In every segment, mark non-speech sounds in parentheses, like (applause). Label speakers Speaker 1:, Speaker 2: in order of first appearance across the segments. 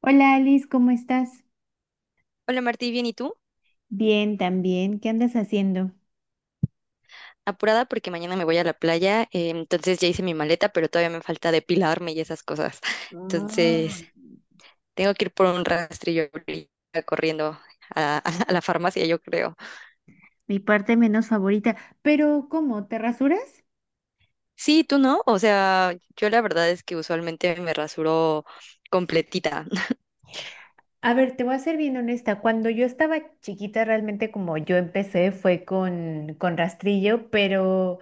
Speaker 1: Hola Alice, ¿cómo estás?
Speaker 2: Hola Martí, bien, ¿y tú?
Speaker 1: Bien, también. ¿Qué andas haciendo?
Speaker 2: Apurada porque mañana me voy a la playa, entonces ya hice mi maleta, pero todavía me falta depilarme y esas cosas. (laughs)
Speaker 1: Mm.
Speaker 2: Entonces, tengo que ir por un rastrillo ahorita corriendo a, (laughs) a la farmacia, yo creo.
Speaker 1: Mi parte menos favorita. Pero, ¿cómo? ¿Te rasuras?
Speaker 2: Sí, tú no, o sea, yo la verdad es que usualmente me rasuro completita. (laughs)
Speaker 1: A ver, te voy a ser bien honesta. Cuando yo estaba chiquita, realmente como yo empecé fue con rastrillo, pero,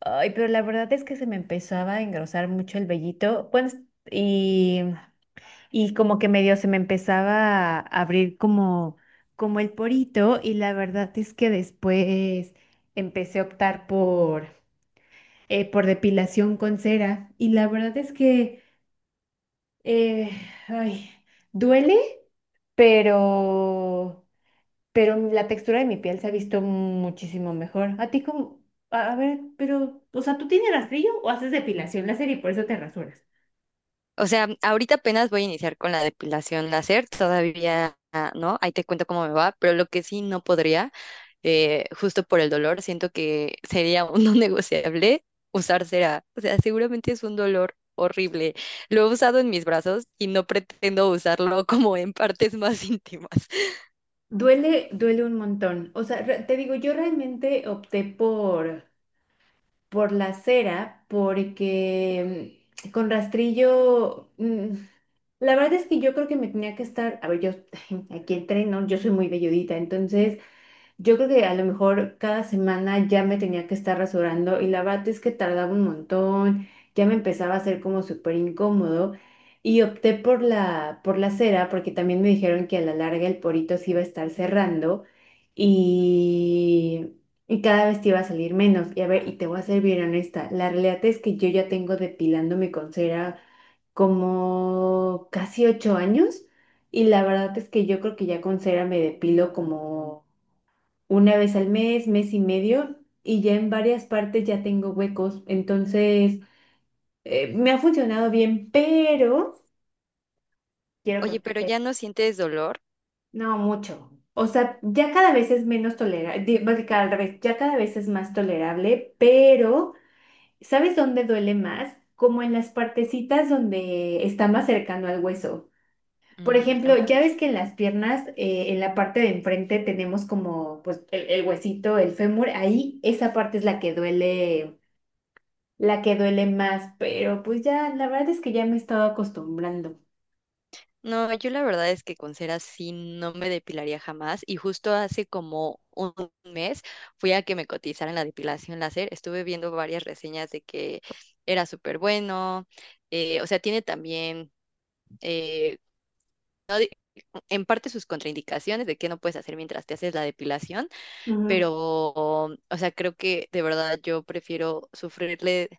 Speaker 1: ay, pero la verdad es que se me empezaba a engrosar mucho el vellito. Bueno, y como que medio se me empezaba a abrir como el porito y la verdad es que después empecé a optar por depilación con cera y la verdad es que eh, ay, duele, pero, pero la textura de mi piel se ha visto muchísimo mejor. A ti como, a ver, pero, o sea, ¿tú tienes rastrillo o haces depilación láser y por eso te rasuras?
Speaker 2: O sea, ahorita apenas voy a iniciar con la depilación láser, todavía, ah, ¿no? Ahí te cuento cómo me va, pero lo que sí no podría justo por el dolor, siento que sería (laughs) un no negociable usar cera. O sea, seguramente es un dolor horrible. Lo he usado en mis brazos y no pretendo usarlo (laughs) como en partes más íntimas.
Speaker 1: Duele, duele un montón. O sea, te digo, yo realmente opté por la cera porque con rastrillo, la verdad es que yo creo que me tenía que estar, a ver, yo (laughs) aquí el tren, ¿no? Yo soy muy velludita, entonces yo creo que a lo mejor cada semana ya me tenía que estar rasurando y la verdad es que tardaba un montón, ya me empezaba a hacer como súper incómodo y opté por la cera porque también me dijeron que a la larga el porito se iba a estar cerrando y, y cada vez te iba a salir menos. Y a ver, y te voy a ser bien honesta, la realidad es que yo ya tengo depilándome con cera como casi 8 años y la verdad es que yo creo que ya con cera me depilo como una vez al mes, mes y medio, y ya en varias partes ya tengo huecos. Entonces, me ha funcionado bien, pero quiero
Speaker 2: Oye, pero
Speaker 1: contarte.
Speaker 2: ya no sientes dolor.
Speaker 1: No mucho. O sea, ya cada vez es menos tolerable, más que cada vez, ya cada vez es más tolerable, pero ¿sabes dónde duele más? Como en las partecitas donde está más cercano al hueso. Por
Speaker 2: Mm,
Speaker 1: ejemplo, ya ves
Speaker 2: ok.
Speaker 1: que en las piernas, en la parte de enfrente tenemos como pues, el huesito, el fémur, ahí esa parte es la que duele más, pero pues ya, la verdad es que ya me he estado acostumbrando.
Speaker 2: No, yo la verdad es que con cera sí no me depilaría jamás. Y justo hace como un mes fui a que me cotizaran la depilación láser. Estuve viendo varias reseñas de que era súper bueno. O sea, tiene también eh, no en parte sus contraindicaciones de qué no puedes hacer mientras te haces la depilación,
Speaker 1: Ujú.
Speaker 2: pero, o sea, creo que de verdad yo prefiero sufrirle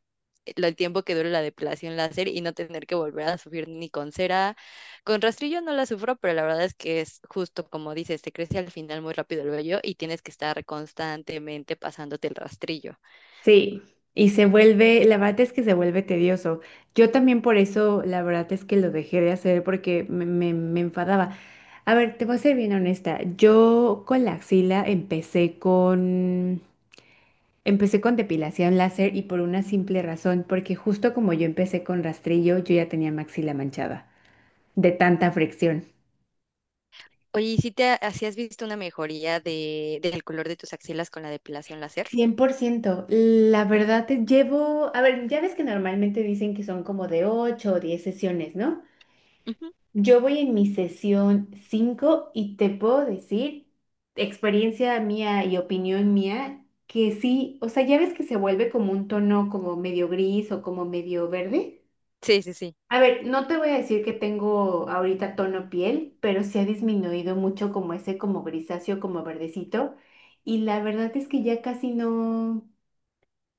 Speaker 2: el tiempo que dure la depilación láser y no tener que volver a sufrir ni con cera. Con rastrillo no la sufro, pero la verdad es que es justo como dices, te crece al final muy rápido el vello y tienes que estar constantemente pasándote el rastrillo.
Speaker 1: Sí, y se vuelve, la verdad es que se vuelve tedioso. Yo también por eso, la verdad es que lo dejé de hacer porque me enfadaba. A ver, te voy a ser bien honesta. Yo con la axila empecé con depilación láser y por una simple razón, porque justo como yo empecé con rastrillo, yo ya tenía mi axila manchada de tanta fricción.
Speaker 2: Oye, ¿si has visto una mejoría de, del color de tus axilas con la depilación láser?
Speaker 1: 100%. La verdad, te llevo, a ver, ya ves que normalmente dicen que son como de 8 o 10 sesiones, ¿no?
Speaker 2: Ujú.
Speaker 1: Yo voy en mi sesión 5 y te puedo decir, experiencia mía y opinión mía, que sí, o sea, ya ves que se vuelve como un tono como medio gris o como medio verde.
Speaker 2: Sí, sí, sí.
Speaker 1: A ver, no te voy a decir que tengo ahorita tono piel, pero sí ha disminuido mucho como ese como grisáceo, como verdecito. Y la verdad es que ya casi no.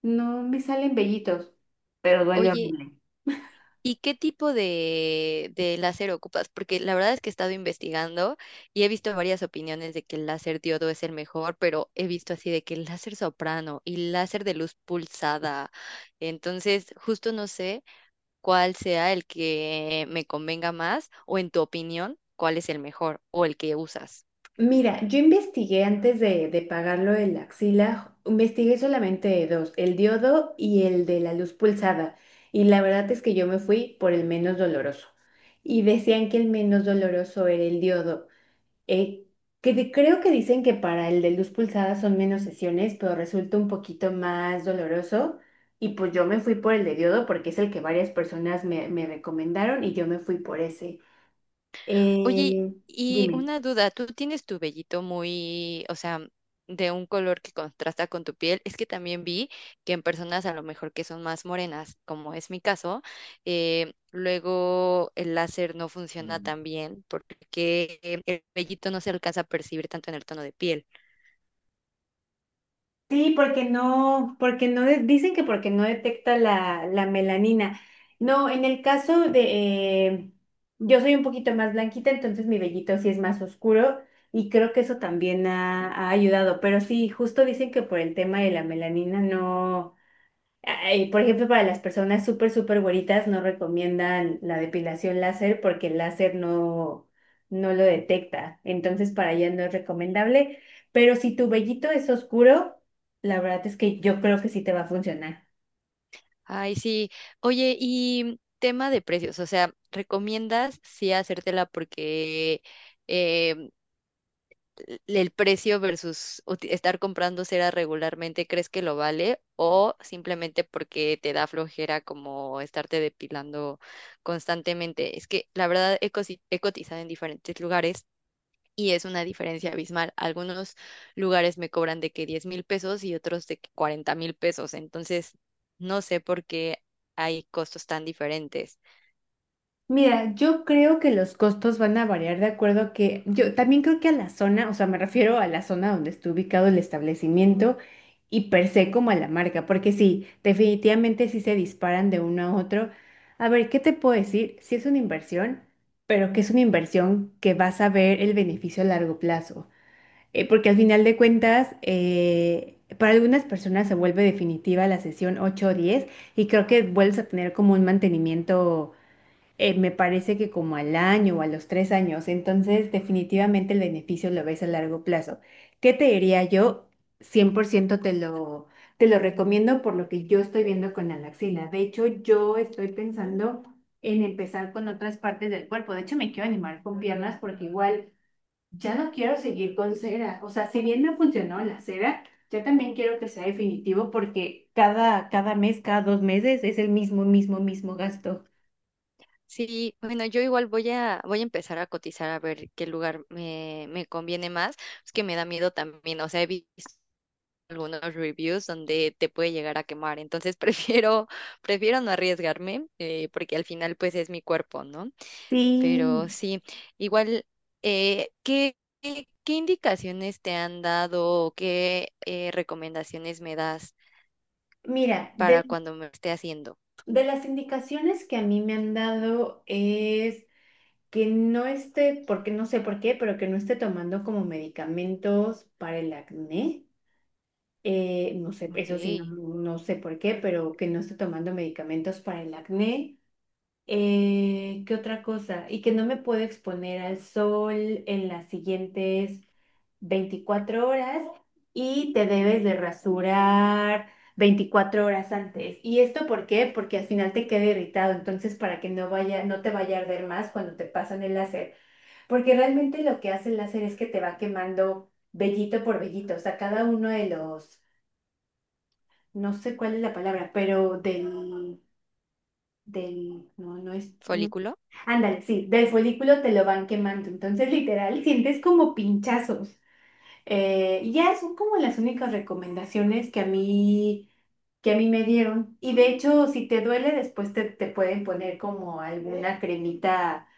Speaker 1: No me salen vellitos, pero duele
Speaker 2: Oye,
Speaker 1: horrible.
Speaker 2: ¿y qué tipo de láser ocupas? Porque la verdad es que he estado investigando y he visto varias opiniones de que el láser diodo es el mejor, pero he visto así de que el láser soprano y láser de luz pulsada. Entonces, justo no sé cuál sea el que me convenga más o en tu opinión, cuál es el mejor o el que usas.
Speaker 1: Mira, yo investigué antes de pagarlo el axila, investigué solamente dos, el diodo y el de la luz pulsada. Y la verdad es que yo me fui por el menos doloroso. Y decían que el menos doloroso era el diodo. eh, Creo que dicen que para el de luz pulsada son menos sesiones, pero resulta un poquito más doloroso. Y pues yo me fui por el de diodo porque es el que varias personas me recomendaron y yo me fui por ese.
Speaker 2: Oye,
Speaker 1: Eh,
Speaker 2: y
Speaker 1: Dime.
Speaker 2: una duda, ¿tú tienes tu vellito muy, o sea, de un color que contrasta con tu piel? Es que también vi que en personas a lo mejor que son más morenas, como es mi caso, luego el láser no funciona tan bien porque el vellito no se alcanza a percibir tanto en el tono de piel.
Speaker 1: Sí, porque no, de- dicen que porque no detecta la melanina. No, en el caso de, yo soy un poquito más blanquita, entonces mi vellito sí es más oscuro y creo que eso también ha ayudado, pero sí, justo dicen que por el tema de la melanina no. Ay, por ejemplo, para las personas súper, súper güeritas no recomiendan la depilación láser porque el láser no lo detecta. Entonces, para allá no es recomendable. Pero si tu vellito es oscuro, la verdad es que yo creo que sí te va a funcionar.
Speaker 2: Ay, sí. Oye, y tema de precios, o sea, ¿recomiendas sí hacértela porque... eh, el precio versus estar comprando cera regularmente, ¿crees que lo vale? ¿O simplemente porque te da flojera como estarte depilando constantemente? Es que la verdad he cotizado en diferentes lugares y es una diferencia abismal. Algunos lugares me cobran de que 10,000 pesos y otros de que 40,000 pesos. Entonces, no sé por qué hay costos tan diferentes.
Speaker 1: Mira, yo creo que los costos van a variar de acuerdo a que yo también creo que a la zona, o sea, me refiero a la zona donde esté ubicado el establecimiento y per se como a la marca, porque sí, definitivamente sí se disparan de uno a otro. A ver, ¿qué te puedo decir? Sí es una inversión, pero que es una inversión que vas a ver el beneficio a largo plazo. Porque al final de cuentas, para algunas personas se vuelve definitiva la sesión 8 o 10 y creo que vuelves a tener como un mantenimiento me parece que como al año o a los 3 años, entonces definitivamente el beneficio lo ves a largo plazo. ¿Qué te diría yo? 100% te lo recomiendo por lo que yo estoy viendo con la laxina. De hecho, yo estoy pensando en empezar con otras partes del cuerpo. De hecho, me quiero animar con piernas porque igual ya no quiero seguir con cera. O sea, si bien me funcionó la cera, yo también quiero que sea definitivo porque cada mes, cada 2 meses es el mismo, mismo, mismo gasto.
Speaker 2: Sí, bueno, yo igual voy a empezar a cotizar a ver qué lugar me conviene más. Es que me da miedo también, o sea, he visto algunos reviews donde te puede llegar a quemar, entonces (laughs) prefiero, prefiero no arriesgarme, porque al final pues es mi cuerpo, ¿no? Pero
Speaker 1: Sí.
Speaker 2: sí, igual, ¿qué indicaciones te han dado o qué recomendaciones me das
Speaker 1: Mira, de,
Speaker 2: para cuando me esté haciendo?
Speaker 1: de las indicaciones que a mí me han dado es que no esté, porque no sé por qué, pero que no esté tomando como medicamentos para el acné. No sé,
Speaker 2: Ok,
Speaker 1: eso sí, no, no sé por qué, pero que no esté tomando medicamentos para el acné. ¿Qué otra cosa? Y que no me puedo exponer al sol en las siguientes 24 horas y te debes de rasurar 24 horas antes. ¿Y esto por qué? Porque al final te queda irritado, entonces para que no te vaya a arder más cuando te pasan el láser, porque realmente lo que hace el láser es que te va quemando vellito por vellito, o sea, cada uno de los, no sé cuál es la palabra, pero del, no, no es, no.
Speaker 2: folículo.
Speaker 1: Ándale, sí, del folículo te lo van quemando, entonces literal sientes como pinchazos. Y ya son como las únicas recomendaciones que a mí me dieron. Y de hecho, si te duele, después te pueden poner como alguna cremita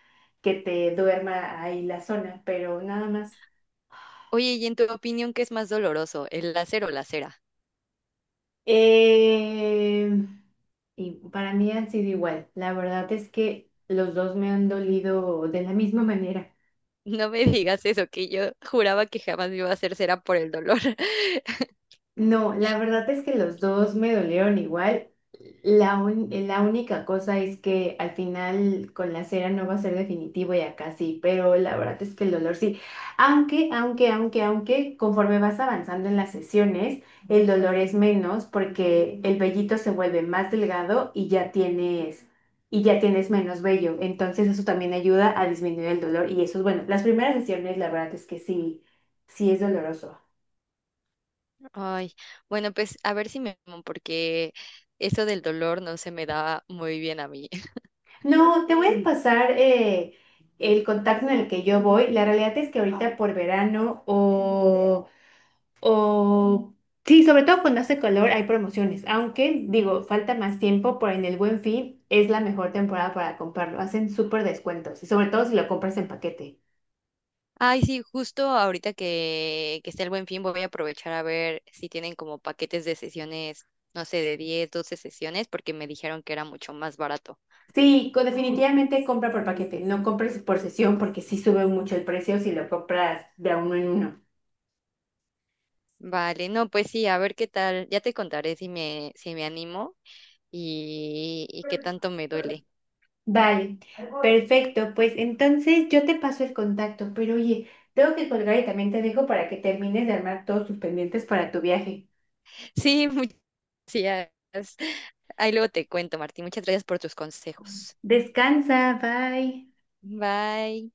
Speaker 1: que te duerma ahí la zona, pero nada más.
Speaker 2: Oye, ¿y en tu opinión qué es más doloroso, el láser o la cera?
Speaker 1: Eh, y para mí han sido igual, la verdad es que los dos me han dolido de la misma manera.
Speaker 2: (laughs) No me digas eso, que yo juraba que jamás me iba a hacer cera por el dolor. (laughs)
Speaker 1: No, la verdad es que los dos me dolieron igual. La única cosa es que al final con la cera no va a ser definitivo y acá sí, pero la verdad es que el dolor sí. Aunque, conforme vas avanzando en las sesiones, el dolor es menos porque el vellito se vuelve más delgado y ya tienes menos vello. Entonces eso también ayuda a disminuir el dolor y eso es bueno. Las primeras sesiones, la verdad es que sí, sí es doloroso.
Speaker 2: Ay, bueno, pues a ver si me animo, porque eso del dolor no se me da muy bien a mí. (laughs)
Speaker 1: No, te voy a pasar el contacto en el que yo voy. La realidad es que ahorita por verano o sí, sobre todo cuando hace calor hay promociones, aunque digo, falta más tiempo, pero en el Buen Fin es la mejor temporada para comprarlo. Hacen súper descuentos y sobre todo si lo compras en paquete.
Speaker 2: Ay, sí, justo ahorita que está el Buen Fin voy a aprovechar a ver si tienen como paquetes de sesiones, no sé, de 10, 12 sesiones, porque me dijeron que era mucho más barato.
Speaker 1: Sí, definitivamente compra por paquete, no compres por sesión porque sí sube mucho el precio si lo compras de a uno en uno.
Speaker 2: Vale, no, pues sí, a ver qué tal. Ya te contaré si me animo y qué tanto me duele.
Speaker 1: Vale, perfecto. Pues entonces yo te paso el contacto, pero oye, tengo que colgar y también te dejo para que termines de armar todos tus pendientes para tu viaje.
Speaker 2: (laughs) Sí, muchas gracias. Ahí luego te cuento, Martín. Muchas gracias por tus consejos.
Speaker 1: Descansa, bye.
Speaker 2: Bye.